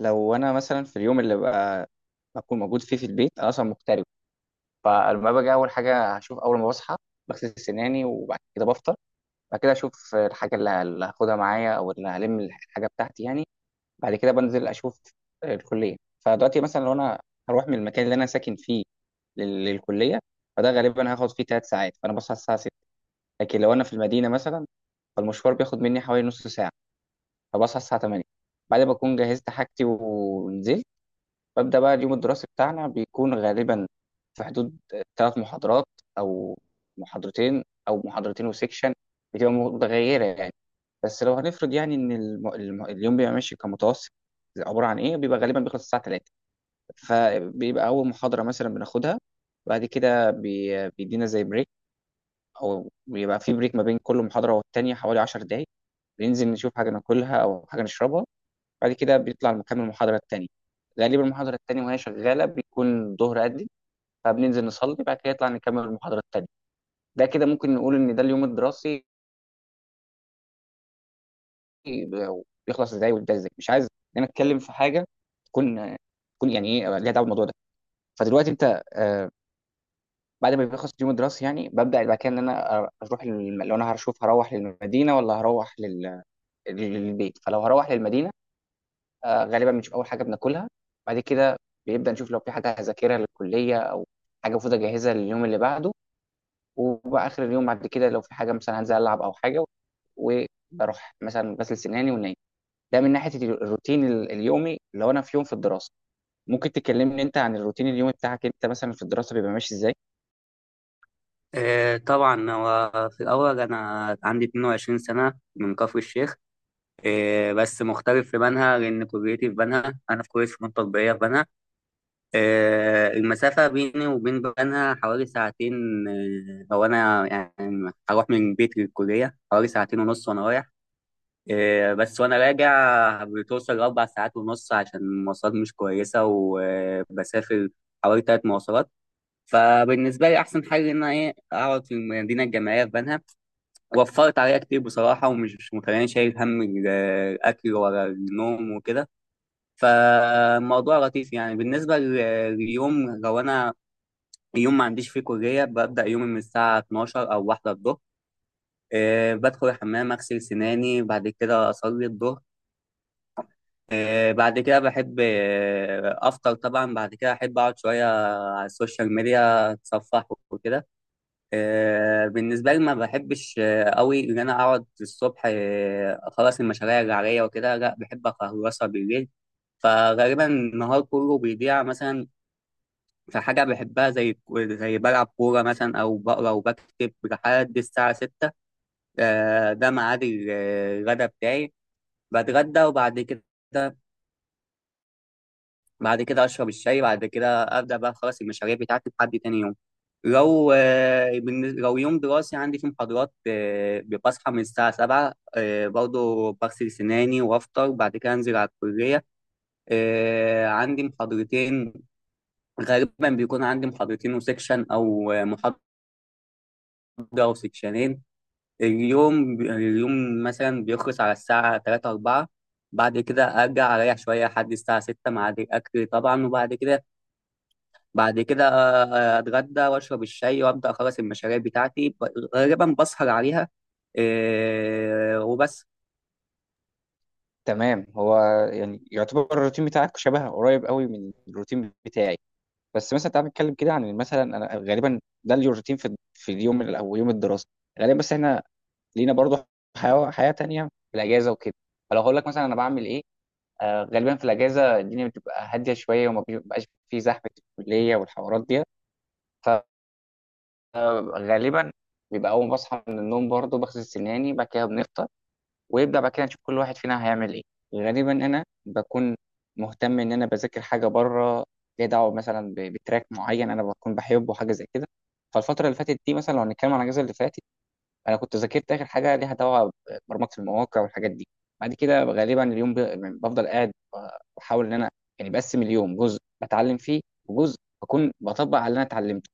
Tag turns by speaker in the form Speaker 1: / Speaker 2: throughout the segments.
Speaker 1: لو انا مثلا في اليوم اللي بقى بكون موجود فيه في البيت، انا اصلا مغترب. فلما باجي اول حاجه هشوف اول ما بصحى، بغسل سناني وبعد كده بفطر. بعد كده اشوف الحاجه اللي هاخدها معايا او اللي هلم الحاجه بتاعتي يعني. بعد كده بنزل اشوف الكليه. فدلوقتي مثلا لو انا هروح من المكان اللي انا ساكن فيه للكليه، فده غالبا هاخد فيه 3 ساعات، فانا بصحى الساعه 6. لكن لو انا في المدينه مثلا، فالمشوار بياخد مني حوالي نص ساعه، فبصحى الساعه 8 بعد ما اكون جهزت حاجتي ونزلت. ببدأ بقى اليوم الدراسي بتاعنا، بيكون غالبا في حدود 3 محاضرات، أو محاضرتين، أو محاضرتين وسيكشن، بتبقى متغيرة يعني. بس لو هنفرض يعني إن اليوم بيبقى ماشي كمتوسط عبارة عن إيه، بيبقى غالبا بيخلص الساعة 3. فبيبقى أول محاضرة مثلا بناخدها، بعد كده بيدينا زي بريك، أو بيبقى في بريك ما بين كل محاضرة والتانية حوالي 10 دقايق، بننزل نشوف حاجة ناكلها أو حاجة نشربها. بعد كده بيطلع المحامي المحاضرة التانية. غالبا المحاضرة التانية وهي شغالة بيكون الظهر أذن، فبننزل نصلي، بعد كده يطلع نكمل المحاضرة التانية. ده كده ممكن نقول إن ده اليوم الدراسي بيخلص إزاي ويبدأ إزاي. مش عايز إن أنا أتكلم في حاجة تكون تكون يعني إيه ليها دعوة بالموضوع ده. فدلوقتي أنت، بعد ما بيخلص اليوم الدراسي يعني ببدأ بعد كده إن أنا أروح لو أنا هروح للمدينة ولا هروح للبيت. فلو هروح للمدينة، غالبا بنشوف اول حاجه بناكلها. بعد كده بيبدا نشوف لو في حاجه هذاكرها للكليه او حاجه المفروض اجهزها لليوم اللي بعده. وبقى اخر اليوم بعد كده لو في حاجه مثلا هنزل العب او حاجه، وبروح مثلا غسل سناني ونايم. ده من ناحيه الروتين اليومي لو انا في يوم في الدراسه. ممكن تكلمني انت عن الروتين اليومي بتاعك انت مثلا في الدراسه بيبقى ماشي ازاي؟
Speaker 2: إيه طبعا هو في الأول أنا عندي 22 سنة من كفر الشيخ. إيه بس مختلف في بنها، لأن كليتي في بنها، أنا في كلية فنون تطبيقية في بنها. إيه المسافة بيني وبين بنها حوالي ساعتين. إيه هو أنا يعني هروح من بيتي للكلية حوالي ساعتين ونص وأنا رايح، إيه بس وأنا راجع بتوصل لأربع ساعات ونص عشان المواصلات مش كويسة، وبسافر حوالي تلات مواصلات. فبالنسبة لي أحسن حل إن أنا إيه أقعد في المدينة الجامعية في بنها، وفرت عليا كتير بصراحة ومش مخليني شايل هم الأكل ولا النوم وكده. فالموضوع لطيف يعني بالنسبة لليوم، لو أنا يوم ما عنديش فيه كلية ببدأ يومي من الساعة 12 أو واحدة الظهر. بدخل الحمام أغسل سناني، بعد كده أصلي الظهر. بعد كده بحب أفطر، طبعا بعد كده أحب أقعد شوية على السوشيال ميديا أتصفح وكده. بالنسبة لي ما بحبش قوي إن أنا أقعد الصبح أخلص المشاريع اللي عليا وكده، لا بحب أخلصها بالليل. فغالبا النهار كله بيضيع، مثلا في حاجة بحبها، زي زي بلعب كورة مثلا، أو بقرا وبكتب لحد الساعة 6. ده ميعاد الغدا بتاعي، بتغدى وبعد كده بعد كده اشرب الشاي، بعد كده ابدا بقى خلاص المشاريع بتاعتي لحد تاني يوم. لو يوم دراسي عندي فيه محاضرات، بصحى من الساعة 7، برضه بغسل سناني وأفطر، بعد كده أنزل على الكلية. عندي محاضرتين، غالبا بيكون عندي محاضرتين وسكشن أو محاضرة وسكشنين. اليوم مثلا بيخلص على الساعة تلاتة أربعة، بعد كده أرجع أريح شوية لحد الساعة 6 مع الأكل طبعا، وبعد كده بعد كده آه، اتغدى واشرب الشاي وابدا اخلص المشاريع بتاعتي، غالبا بسهر عليها. إيه، وبس.
Speaker 1: تمام. هو يعني يعتبر الروتين بتاعك شبه قريب قوي من الروتين بتاعي، بس مثلا تعال نتكلم كده عن مثلا انا غالبا ده اليوم روتين في اليوم او يوم الدراسه غالبا. بس احنا لينا برضو حياه تانية في الاجازه وكده. فلو هقول لك مثلا انا بعمل ايه، غالبا في الاجازه الدنيا بتبقى هاديه شويه وما بيبقاش في زحمه الكليه والحوارات دي. فغالبا بيبقى اول ما بصحى من النوم برضو بغسل سناني، بعد كده بنفطر، ويبدأ بعد كده نشوف كل واحد فينا هيعمل ايه. غالبا انا بكون مهتم ان انا بذاكر حاجه بره ليها دعوه، مثلا بتراك معين انا بكون بحبه، حاجه زي كده. فالفتره اللي فاتت دي مثلا لو هنتكلم عن الاجازه اللي فاتت، انا كنت ذاكرت اخر حاجه ليها دعوه ببرمجه المواقع والحاجات دي. بعد كده غالبا اليوم يعني بفضل قاعد، بحاول ان انا يعني بقسم اليوم، جزء بتعلم فيه وجزء بكون بطبق على اللي انا اتعلمته.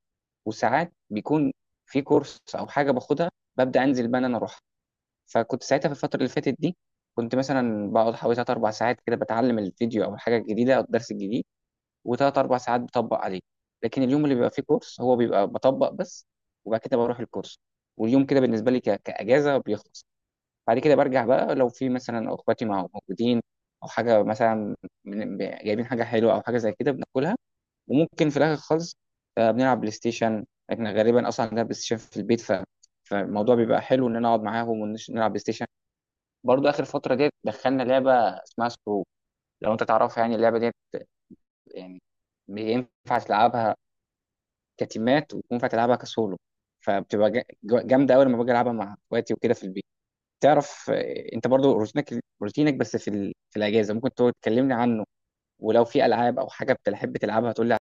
Speaker 1: وساعات بيكون في كورس او حاجه باخدها، ببدا انزل بقى إن انا اروح. فكنت ساعتها في الفترة اللي فاتت دي كنت مثلا بقعد حوالي تلات أربع ساعات كده بتعلم الفيديو أو الحاجة الجديدة أو الدرس الجديد، وتلات أربع ساعات بطبق عليه. لكن اليوم اللي بيبقى فيه كورس هو بيبقى بطبق بس، وبعد كده بروح الكورس. واليوم كده بالنسبة لي كأجازة بيخلص. بعد كده برجع بقى لو في مثلا أخواتي مع موجودين أو حاجة مثلا، جايبين حاجة حلوة أو حاجة زي كده بناكلها. وممكن في الآخر خالص، بنلعب بلاي ستيشن. احنا غالبا أصلا عندنا بلاي ستيشن في البيت. فالموضوع بيبقى حلو إن أنا أقعد معاهم ونلعب بلاي ستيشن. برضو اخر فتره ديت دخلنا لعبه اسمها سكرو، لو انت تعرفها يعني اللعبه ديت، يعني ينفع تلعبها كتيمات وينفع تلعبها كسولو. فبتبقى جامده قوي لما باجي العبها مع اخواتي وكده في البيت. تعرف، انت برضو روتينك بس في في الاجازه ممكن تقعد تكلمني عنه، ولو في العاب او حاجه بتحب تلعبها تقول لي.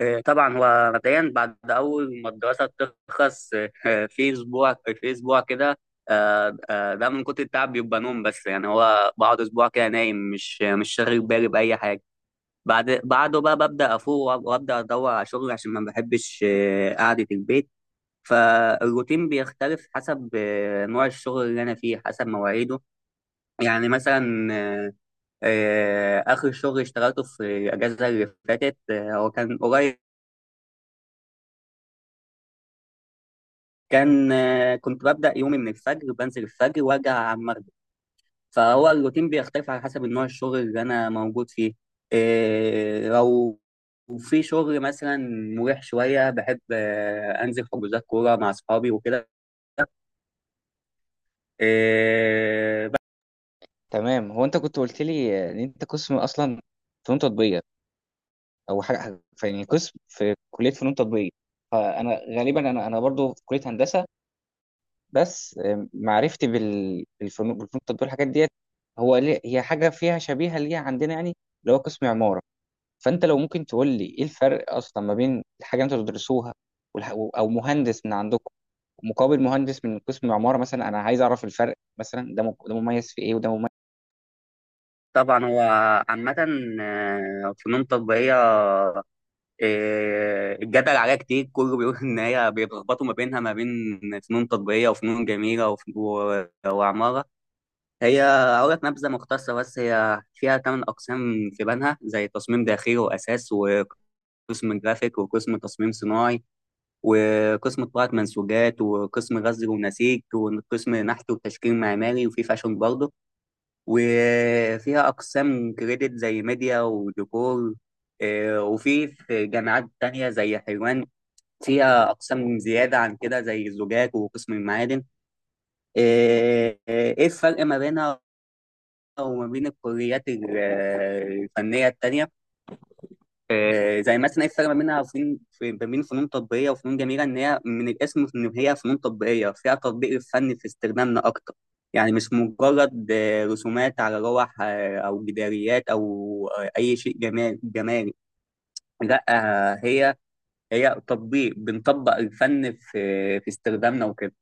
Speaker 2: إيه، طبعا هو مبدئيا بعد اول ما الدراسه تخلص، إيه، في اسبوع كده، ده من كتر التعب، بيبقى نوم بس، يعني هو بقعد اسبوع كده نايم، مش شاغل بالي باي حاجه. بعد بعده بقى ببدا افوق، وابدا ادور على شغل عشان ما بحبش قعده البيت. فالروتين بيختلف حسب نوع الشغل اللي انا فيه، حسب مواعيده. يعني مثلا اخر شغل اشتغلته في الاجازه اللي فاتت، هو كان قريب، كان آه، كنت ببدا يومي من الفجر، بنزل الفجر وارجع على المغرب. فهو الروتين بيختلف على حسب النوع الشغل اللي انا موجود فيه. لو في شغل مثلا مريح شويه، بحب انزل حجوزات كوره مع اصحابي وكده. آه،
Speaker 1: تمام. هو انت كنت قلت لي، ان انت قسم اصلا فنون تطبيقيه، او حاجه يعني قسم في كليه فنون تطبيقيه. فانا غالبا انا برضو في كليه هندسه، بس معرفتي بالفنون التطبيقية الحاجات ديت، هو ليه هي حاجة فيها شبيهة ليها عندنا يعني اللي هو قسم عمارة. فأنت لو ممكن تقول لي إيه الفرق أصلا ما بين الحاجة اللي أنتوا بتدرسوها والح- أو مهندس من عندكم مقابل مهندس من قسم عمارة مثلا، أنا عايز أعرف الفرق، مثلا ده ده مميز في إيه وده مميز.
Speaker 2: طبعا هو عامة، فنون تطبيقية، الجدل عليها كتير، كله بيقول إن هي بيتلخبطوا ما بينها، ما بين فنون تطبيقية وفنون جميلة وعمارة. هي أقول لك نبذة مختصرة، بس هي فيها تمن أقسام في بنها، زي تصميم داخلي وأساس وقسم جرافيك وقسم تصميم صناعي وقسم طباعة منسوجات وقسم غزل ونسيج وقسم نحت وتشكيل معماري، وفي فاشون برضه، وفيها أقسام كريدت زي ميديا وديكور. وفي جامعات تانية زي حلوان، فيها أقسام زيادة عن كده زي الزجاج وقسم المعادن. إيه الفرق ما بينها وما بين الكليات الفنية التانية؟ زي مثلا ايه الفرق ما بينها وفين ما بين فنون تطبيقيه وفنون جميله، ان هي من الاسم ان هي فنون تطبيقيه فيها تطبيق الفن في استخدامنا اكتر، يعني مش مجرد رسومات على لوح او جداريات او اي شيء جمال جمالي. لا، آه، هي هي تطبيق، بنطبق الفن في استخدامنا وكده.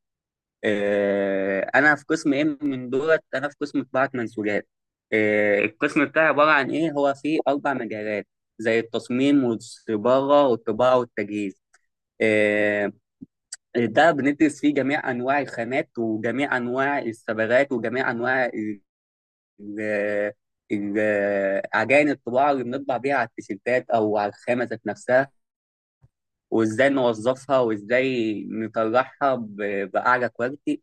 Speaker 2: انا في قسم ايه من دولت؟ انا في قسم طباعه منسوجات. القسم بتاعي عباره عن ايه؟ هو فيه اربع مجالات، زي التصميم والصباغه والطباعه والتجهيز. آه، ده بندرس فيه جميع انواع الخامات وجميع انواع الصبغات وجميع انواع ال- عجائن الطباعه اللي بنطبع بيها على التيشيرتات او على الخامه ذات نفسها، وازاي نوظفها وازاي نطلعها باعلى كواليتي.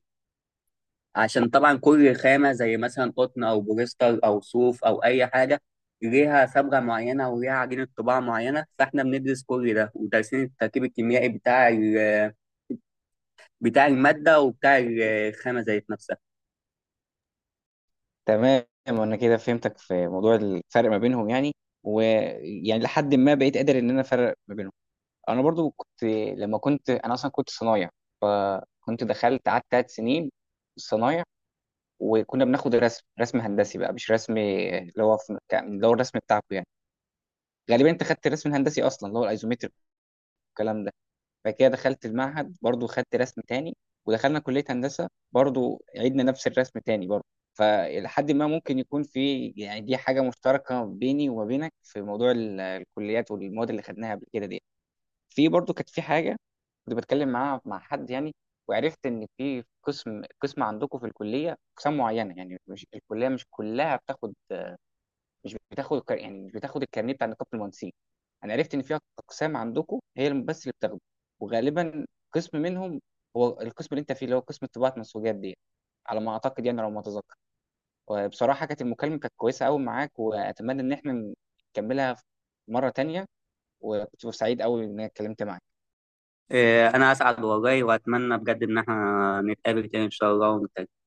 Speaker 2: عشان طبعا كل خامة زي مثلا قطن أو بوليستر أو صوف أو أي حاجة، ليها صبغة معينة وليها عجينة طباعة معينة، فاحنا بندرس كل ده، ودارسين التركيب الكيميائي بتاع بتاع المادة وبتاع الخامة ذات نفسها.
Speaker 1: تمام أنا كده فهمتك في موضوع الفرق ما بينهم يعني، ويعني لحد ما بقيت قادر إن أنا أفرق ما بينهم. انا برضو لما كنت انا اصلا كنت صنايع، فكنت دخلت قعدت 3 سنين صنايع، وكنا بناخد رسم هندسي بقى، مش رسم اللي هو اللي هو الرسم بتاعكم يعني. غالبا انت خدت الرسم الهندسي اصلا اللي هو الايزومتر والكلام ده. بعد كده دخلت المعهد برضو خدت رسم تاني، ودخلنا كلية هندسة برضو عيدنا نفس الرسم تاني برضو. فلحد ما ممكن يكون في يعني دي حاجة مشتركة بيني وما بينك في موضوع الكليات والمواد اللي خدناها قبل كده دي. في برضو كانت في حاجه كنت بتكلم معاها مع حد يعني، وعرفت ان في قسم عندكم في الكليه اقسام معينه، يعني مش الكليه مش كلها بتاخد، مش بتاخد يعني مش بتاخد الكارنيه بتاع نقابه المهندسين. انا عرفت ان في اقسام عندكم هي بس اللي بتاخده، وغالبا قسم منهم هو القسم اللي انت فيه اللي هو قسم طباعه منسوجات دي، على ما اعتقد يعني لو ما اتذكر. وبصراحه المكالمه كانت كويسه قوي معاك، واتمنى ان احنا نكملها مره تانية، وكنت سعيد قوي ان انا اتكلمت معاك.
Speaker 2: إيه، أنا أسعد والله، وأتمنى بجد إن احنا نتقابل تاني إن شاء الله ونتكلم.